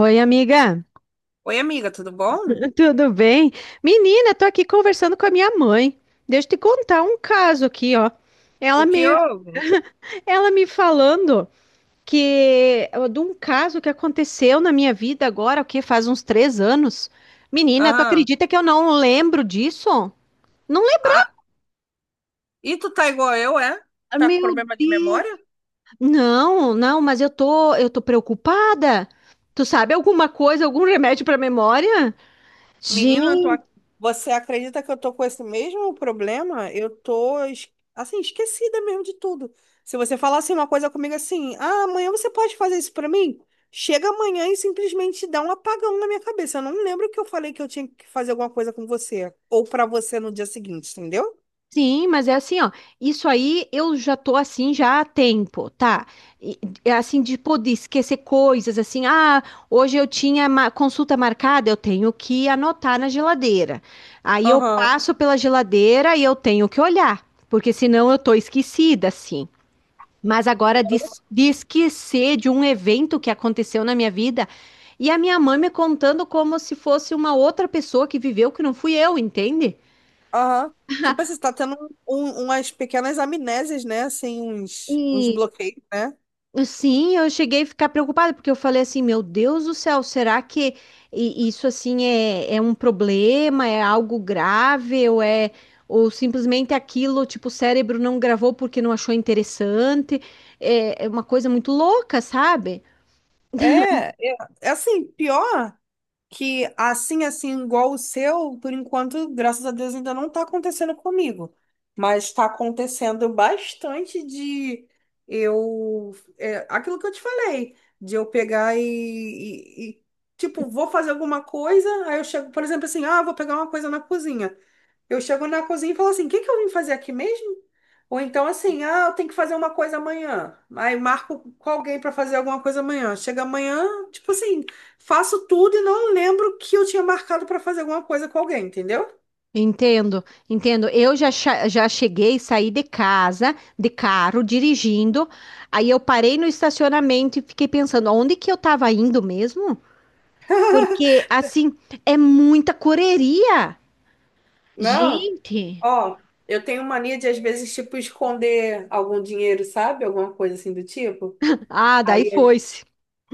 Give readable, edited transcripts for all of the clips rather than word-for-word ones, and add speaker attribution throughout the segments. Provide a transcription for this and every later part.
Speaker 1: Oi, amiga,
Speaker 2: Oi, amiga, tudo bom?
Speaker 1: tudo bem? Menina, tô aqui conversando com a minha mãe. Deixa eu te contar um caso aqui, ó. Ela
Speaker 2: O que
Speaker 1: me,
Speaker 2: houve?
Speaker 1: ela me falando que de um caso que aconteceu na minha vida agora, o que faz uns três anos. Menina, tu
Speaker 2: Aham.
Speaker 1: acredita que eu não lembro disso? Não lembro.
Speaker 2: Ah, e tu tá igual eu, é? Tá com
Speaker 1: Meu
Speaker 2: problema de
Speaker 1: Deus.
Speaker 2: memória?
Speaker 1: Não, não, mas eu tô preocupada. Tu sabe alguma coisa, algum remédio para memória?
Speaker 2: Menina, você acredita que eu tô com esse mesmo problema? Eu tô, assim, esquecida mesmo de tudo. Se você falar assim uma coisa comigo assim, ah, amanhã você pode fazer isso pra mim? Chega amanhã e simplesmente dá um apagão na minha cabeça. Eu não lembro que eu falei que eu tinha que fazer alguma coisa com você. Ou pra você no dia seguinte, entendeu?
Speaker 1: Sim, mas é assim, ó. Isso aí eu já tô assim já há tempo, tá? E- É assim de poder esquecer coisas, assim, ah, hoje eu tinha consulta marcada, eu tenho que anotar na geladeira. Aí eu
Speaker 2: Aham.
Speaker 1: passo pela geladeira e eu tenho que olhar, porque senão eu tô esquecida, assim. Mas agora de esquecer de um evento que aconteceu na minha vida e a minha mãe me contando como se fosse uma outra pessoa que viveu que não fui eu, entende?
Speaker 2: Aham. Tipo assim, você tá tendo umas pequenas amnésias, né? Assim, uns bloqueios, né?
Speaker 1: Sim, eu cheguei a ficar preocupada, porque eu falei assim, meu Deus do céu, será que isso assim é um problema, é algo grave, ou é ou simplesmente aquilo, tipo, o cérebro não gravou porque não achou interessante, é uma coisa muito louca, sabe?
Speaker 2: É, é, é, assim, pior que assim, igual o seu, por enquanto, graças a Deus, ainda não tá acontecendo comigo. Mas tá acontecendo bastante de eu. É, aquilo que eu te falei, de eu pegar e, tipo, vou fazer alguma coisa, aí eu chego, por exemplo, assim, ah, vou pegar uma coisa na cozinha. Eu chego na cozinha e falo assim: o que que eu vim fazer aqui mesmo? Ou então assim, ah, eu tenho que fazer uma coisa amanhã. Aí marco com alguém para fazer alguma coisa amanhã. Chega amanhã, tipo assim, faço tudo e não lembro que eu tinha marcado para fazer alguma coisa com alguém, entendeu?
Speaker 1: Entendo, entendo. Eu já, já cheguei, saí de casa, de carro, dirigindo, aí eu parei no estacionamento e fiquei pensando, onde que eu estava indo mesmo? Porque, assim, é muita correria.
Speaker 2: Não,
Speaker 1: Gente.
Speaker 2: ó, eu tenho mania de às vezes tipo esconder algum dinheiro, sabe? Alguma coisa assim do tipo.
Speaker 1: Ah, daí
Speaker 2: Aí,
Speaker 1: foi-se.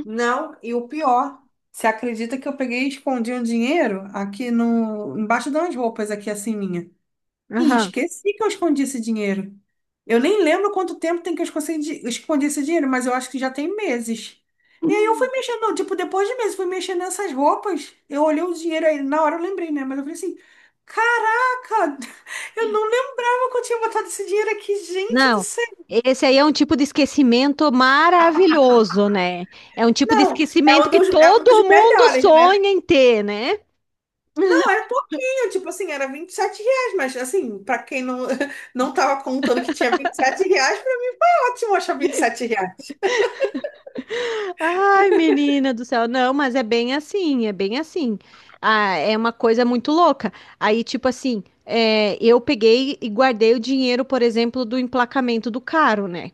Speaker 2: não, e o pior, você acredita que eu peguei e escondi um dinheiro aqui no embaixo de umas roupas aqui assim minha? E
Speaker 1: Aham.
Speaker 2: esqueci que eu escondi esse dinheiro. Eu nem lembro quanto tempo tem que eu escondi esse dinheiro, mas eu acho que já tem meses. E aí eu fui mexendo, tipo, depois de meses, fui mexendo nessas roupas. Eu olhei o dinheiro aí, na hora eu lembrei, né? Mas eu falei assim: caraca, eu não lembrava que eu tinha botado esse dinheiro aqui, gente do
Speaker 1: Não,
Speaker 2: céu.
Speaker 1: esse aí é um tipo de esquecimento maravilhoso, né? É um tipo de
Speaker 2: Não, é
Speaker 1: esquecimento
Speaker 2: um
Speaker 1: que
Speaker 2: dos, é um dos
Speaker 1: todo mundo
Speaker 2: melhores, né?
Speaker 1: sonha em ter, né?
Speaker 2: Não, era pouquinho, tipo assim, era R$ 27, mas assim, pra quem não, não tava contando que tinha R$ 27, foi ótimo achar R$ 27.
Speaker 1: Ai, menina do céu, não, mas é bem assim, é bem assim. Ah, é uma coisa muito louca. Aí, tipo assim, é, eu peguei e guardei o dinheiro, por exemplo, do emplacamento do carro, né?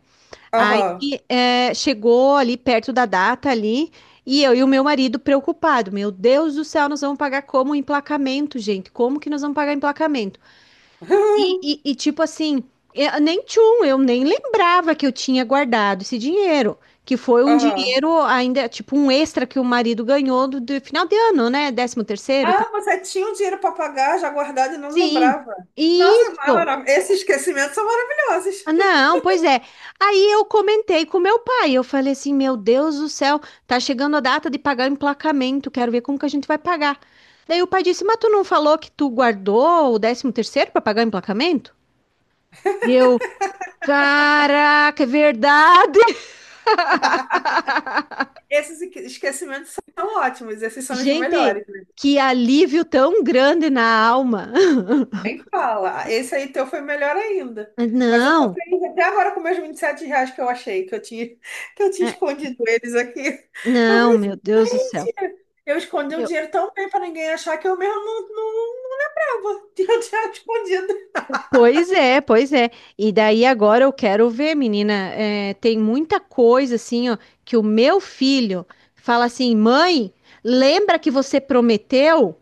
Speaker 1: Aí
Speaker 2: Aham.
Speaker 1: eh, chegou ali perto da data ali, e eu e o meu marido preocupado, meu Deus do céu, nós vamos pagar como emplacamento, gente? Como que nós vamos pagar emplacamento? Tipo assim, eu, nem tchum, eu nem lembrava que eu tinha guardado esse dinheiro, que foi um
Speaker 2: Aham.
Speaker 1: dinheiro ainda, tipo um extra que o marido ganhou do final de ano, né? Décimo terceiro e tal.
Speaker 2: Ah, você tinha o dinheiro para pagar já guardado e não
Speaker 1: Sim,
Speaker 2: lembrava. Nossa,
Speaker 1: isso.
Speaker 2: maravilhoso. Esses esquecimentos são maravilhosos.
Speaker 1: Ah, Não, pois é. Aí eu comentei com meu pai. Eu falei assim: Meu Deus do céu, tá chegando a data de pagar o emplacamento. Quero ver como que a gente vai pagar. Daí o pai disse: Mas tu não falou que tu guardou o décimo terceiro para pagar o emplacamento? E eu, caraca, é verdade.
Speaker 2: Esses esquecimentos são ótimos, esses são os
Speaker 1: Gente,
Speaker 2: melhores, né?
Speaker 1: que alívio tão grande na alma.
Speaker 2: Nem fala. Esse aí teu foi melhor ainda. Mas eu tô
Speaker 1: Não,
Speaker 2: feliz até agora com meus R$ 27 que eu achei, que eu tinha, que eu tinha
Speaker 1: é,
Speaker 2: escondido eles aqui. Eu
Speaker 1: não,
Speaker 2: falei,
Speaker 1: meu Deus do céu.
Speaker 2: assim, gente, eu escondi o dinheiro tão bem para ninguém achar que eu mesmo não lembrava. Eu tinha o dinheiro escondido.
Speaker 1: Pois é, pois é. E daí agora eu quero ver, menina. É, tem muita coisa assim, ó, que o meu filho fala assim, mãe, lembra que você prometeu?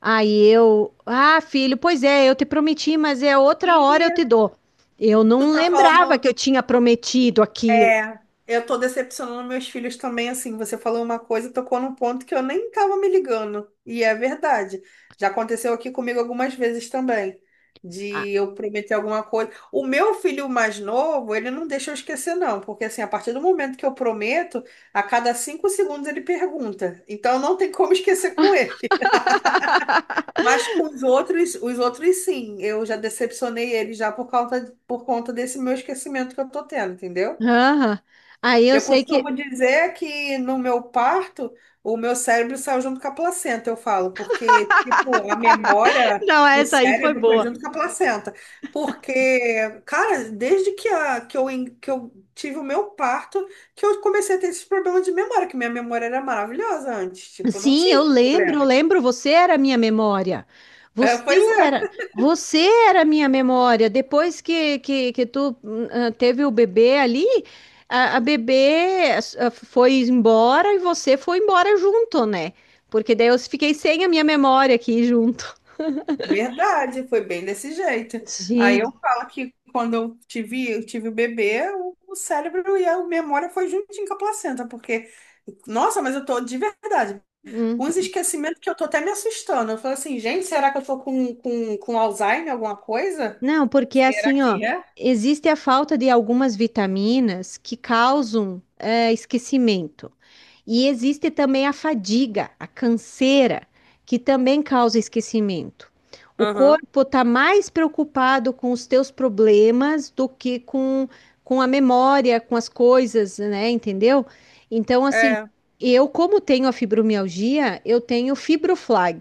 Speaker 1: Aí eu, ah, filho, pois é, eu te prometi, mas é outra hora eu
Speaker 2: E
Speaker 1: te dou. Eu
Speaker 2: tu
Speaker 1: não
Speaker 2: tá
Speaker 1: lembrava que
Speaker 2: falando.
Speaker 1: eu tinha prometido aquilo.
Speaker 2: É, eu tô decepcionando meus filhos também, assim, você falou uma coisa, e tocou num ponto que eu nem tava me ligando, e é verdade. Já aconteceu aqui comigo algumas vezes também, de eu prometer alguma coisa. O meu filho mais novo, ele não deixa eu esquecer não, porque assim, a partir do momento que eu prometo, a cada 5 segundos ele pergunta. Então não tem como esquecer com ele. Mas com os outros sim, eu já decepcionei ele já por causa, por conta desse meu esquecimento que eu tô tendo, entendeu?
Speaker 1: Ah, aham. Aí eu
Speaker 2: Eu
Speaker 1: sei que.
Speaker 2: costumo dizer que no meu parto, o meu cérebro saiu junto com a placenta, eu falo, porque, tipo, a memória,
Speaker 1: Não,
Speaker 2: o
Speaker 1: essa aí foi
Speaker 2: cérebro foi
Speaker 1: boa.
Speaker 2: junto com a placenta. Porque, cara, desde que, a, que, eu, en- que eu tive o meu parto, que eu comecei a ter esses problemas de memória, que minha memória era maravilhosa antes, tipo, eu não
Speaker 1: Sim,
Speaker 2: tinha esse
Speaker 1: eu
Speaker 2: problema.
Speaker 1: lembro, você era a minha memória.
Speaker 2: É,
Speaker 1: Você
Speaker 2: pois é.
Speaker 1: você era a minha memória. Depois que tu ah, teve o bebê ali, a bebê ah, foi embora e você foi embora junto, né? Porque daí eu fiquei sem a minha memória aqui junto.
Speaker 2: Verdade, foi bem desse jeito. Aí eu
Speaker 1: Gente.
Speaker 2: falo que quando eu tive o bebê, o cérebro e a memória foi juntinho com a placenta, porque, nossa, mas eu tô de verdade, com os
Speaker 1: Hum.
Speaker 2: esquecimentos que eu tô até me assustando. Eu falo assim, gente, será que eu tô com Alzheimer, alguma coisa?
Speaker 1: Não, porque
Speaker 2: Será
Speaker 1: assim, ó,
Speaker 2: que é?
Speaker 1: existe a falta de algumas vitaminas que causam esquecimento. E existe também a fadiga, a canseira, que também causa esquecimento. O
Speaker 2: Aham.
Speaker 1: corpo está mais preocupado com os teus problemas do que com a memória, com as coisas, né? Entendeu? Então, assim,
Speaker 2: É.
Speaker 1: eu, como tenho a fibromialgia, eu tenho fibroflag.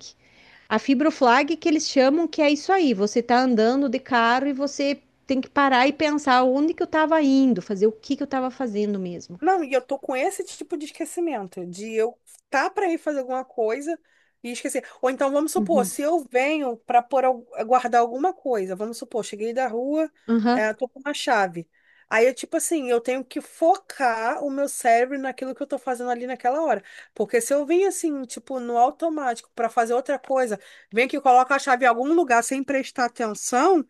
Speaker 1: A fibroflag que eles chamam que é isso aí, você tá andando de carro e você tem que parar e pensar onde que eu estava indo, fazer o que que eu estava fazendo mesmo.
Speaker 2: Não, e eu tô com esse tipo de esquecimento, de eu tá para ir fazer alguma coisa e esquecer. Ou então, vamos supor,
Speaker 1: Uhum.
Speaker 2: se eu venho para pôr, guardar alguma coisa, vamos supor, cheguei da rua,
Speaker 1: Aham.
Speaker 2: tô com uma chave. Aí eu, tipo assim, eu tenho que focar o meu cérebro naquilo que eu tô fazendo ali naquela hora. Porque se eu vim assim, tipo, no automático para fazer outra coisa, vem que coloca a chave em algum lugar sem prestar atenção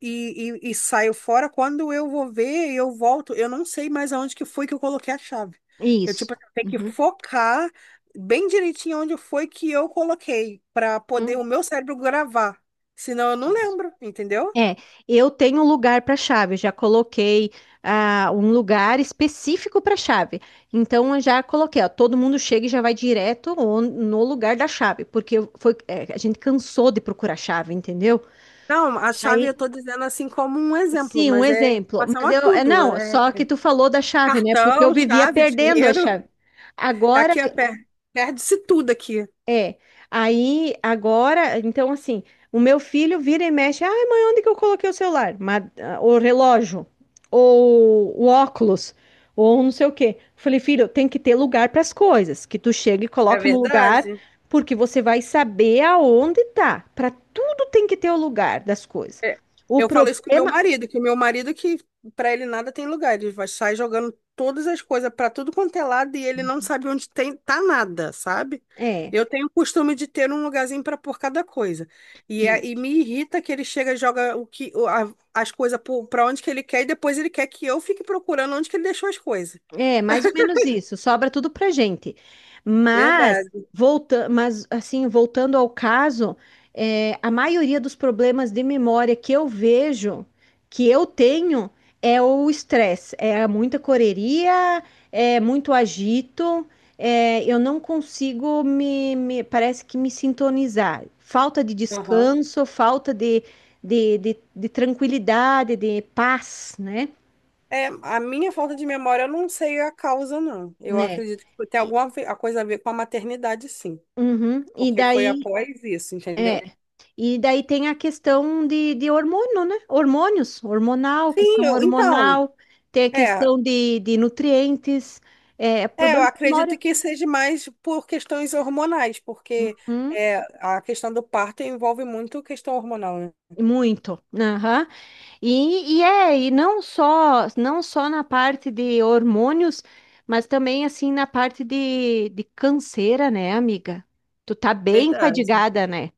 Speaker 2: e saio fora. Quando eu vou ver, eu volto. Eu não sei mais aonde que foi que eu coloquei a chave. Eu, tipo,
Speaker 1: Isso.
Speaker 2: assim, tenho que
Speaker 1: Uhum,
Speaker 2: focar bem direitinho onde foi que eu coloquei, para poder
Speaker 1: uhum.
Speaker 2: o meu cérebro gravar. Senão eu não lembro, entendeu?
Speaker 1: É, eu tenho um lugar para chave, eu já coloquei ah, um lugar específico para chave. Então eu já coloquei, ó, todo mundo chega e já vai direto no lugar da chave, porque foi, é, a gente cansou de procurar chave, entendeu?
Speaker 2: Não, a chave
Speaker 1: Aí,
Speaker 2: eu tô dizendo assim como um exemplo,
Speaker 1: sim, um
Speaker 2: mas é em
Speaker 1: exemplo.
Speaker 2: relação
Speaker 1: Mas
Speaker 2: a
Speaker 1: eu, é
Speaker 2: tudo.
Speaker 1: não,
Speaker 2: É
Speaker 1: só que tu falou da chave, né? Porque eu
Speaker 2: cartão,
Speaker 1: vivia
Speaker 2: chave,
Speaker 1: perdendo a
Speaker 2: dinheiro.
Speaker 1: chave. Agora
Speaker 2: Aqui é perde-se tudo aqui.
Speaker 1: É, aí agora, então assim, o meu filho vira e mexe, ai mãe, onde que eu coloquei o celular? Mas, ah, o relógio, ou o óculos, ou não sei o quê. Falei, filho, tem que ter lugar para as coisas, que tu chega e
Speaker 2: É
Speaker 1: coloca no lugar,
Speaker 2: verdade?
Speaker 1: porque você vai saber aonde tá. Para tudo tem que ter o lugar das coisas.
Speaker 2: É,
Speaker 1: O
Speaker 2: eu falo isso com meu
Speaker 1: problema
Speaker 2: marido, que o meu marido que para ele nada tem lugar, ele vai sair jogando todas as coisas para tudo quanto é lado e ele não sabe onde tem tá nada, sabe?
Speaker 1: é,
Speaker 2: Eu tenho o costume de ter um lugarzinho para pôr cada coisa. E me irrita que ele chega e joga o que o- a- as coisas para onde que ele quer e depois ele quer que eu fique procurando onde que ele deixou as coisas.
Speaker 1: É, mais ou menos isso. Sobra tudo pra gente. Mas,
Speaker 2: Verdade.
Speaker 1: volta, mas assim, voltando ao caso, é, a maioria dos problemas de memória que eu vejo, que eu tenho, é o estresse. É muita correria, é muito agito, é, eu não consigo parece que me sintonizar. Falta de
Speaker 2: Aham.
Speaker 1: descanso, falta de tranquilidade, de paz, né?
Speaker 2: É, a minha falta de memória eu não sei a causa, não. Eu
Speaker 1: Né?
Speaker 2: acredito que tem
Speaker 1: E-
Speaker 2: alguma a coisa a ver com a maternidade, sim.
Speaker 1: Uhum. E
Speaker 2: Porque foi
Speaker 1: daí
Speaker 2: após isso,
Speaker 1: É,
Speaker 2: entendeu?
Speaker 1: e daí tem a questão de hormônio, né? Hormônios, hormonal,
Speaker 2: Sim,
Speaker 1: questão
Speaker 2: então,
Speaker 1: hormonal, tem a
Speaker 2: É,
Speaker 1: questão de nutrientes, é, é
Speaker 2: é, eu
Speaker 1: problema de
Speaker 2: acredito
Speaker 1: memória.
Speaker 2: que seja mais por questões hormonais, porque
Speaker 1: Hum,
Speaker 2: é, a questão do parto envolve muito questão hormonal, né?
Speaker 1: muito. Aham. E não só, não só na parte de hormônios, mas também assim na parte de canseira, né, amiga? Tu tá bem
Speaker 2: Verdade.
Speaker 1: fadigada, né?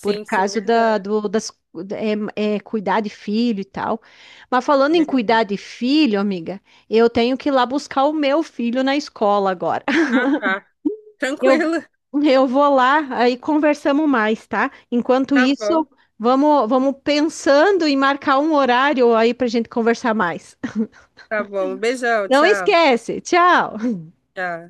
Speaker 1: por
Speaker 2: sim,
Speaker 1: causa
Speaker 2: verdade.
Speaker 1: das, cuidar de filho e tal. Mas falando em
Speaker 2: Verdade.
Speaker 1: cuidar de filho, amiga, eu tenho que ir lá buscar o meu filho na escola agora.
Speaker 2: Ah, tá.
Speaker 1: Eu,
Speaker 2: Tranquilo.
Speaker 1: eu vou lá, aí conversamos mais, tá? Enquanto
Speaker 2: Tá bom,
Speaker 1: isso, vamos pensando em marcar um horário aí pra gente conversar mais.
Speaker 2: tá bom. Beijão,
Speaker 1: Não
Speaker 2: tchau,
Speaker 1: esquece, tchau!
Speaker 2: tchau.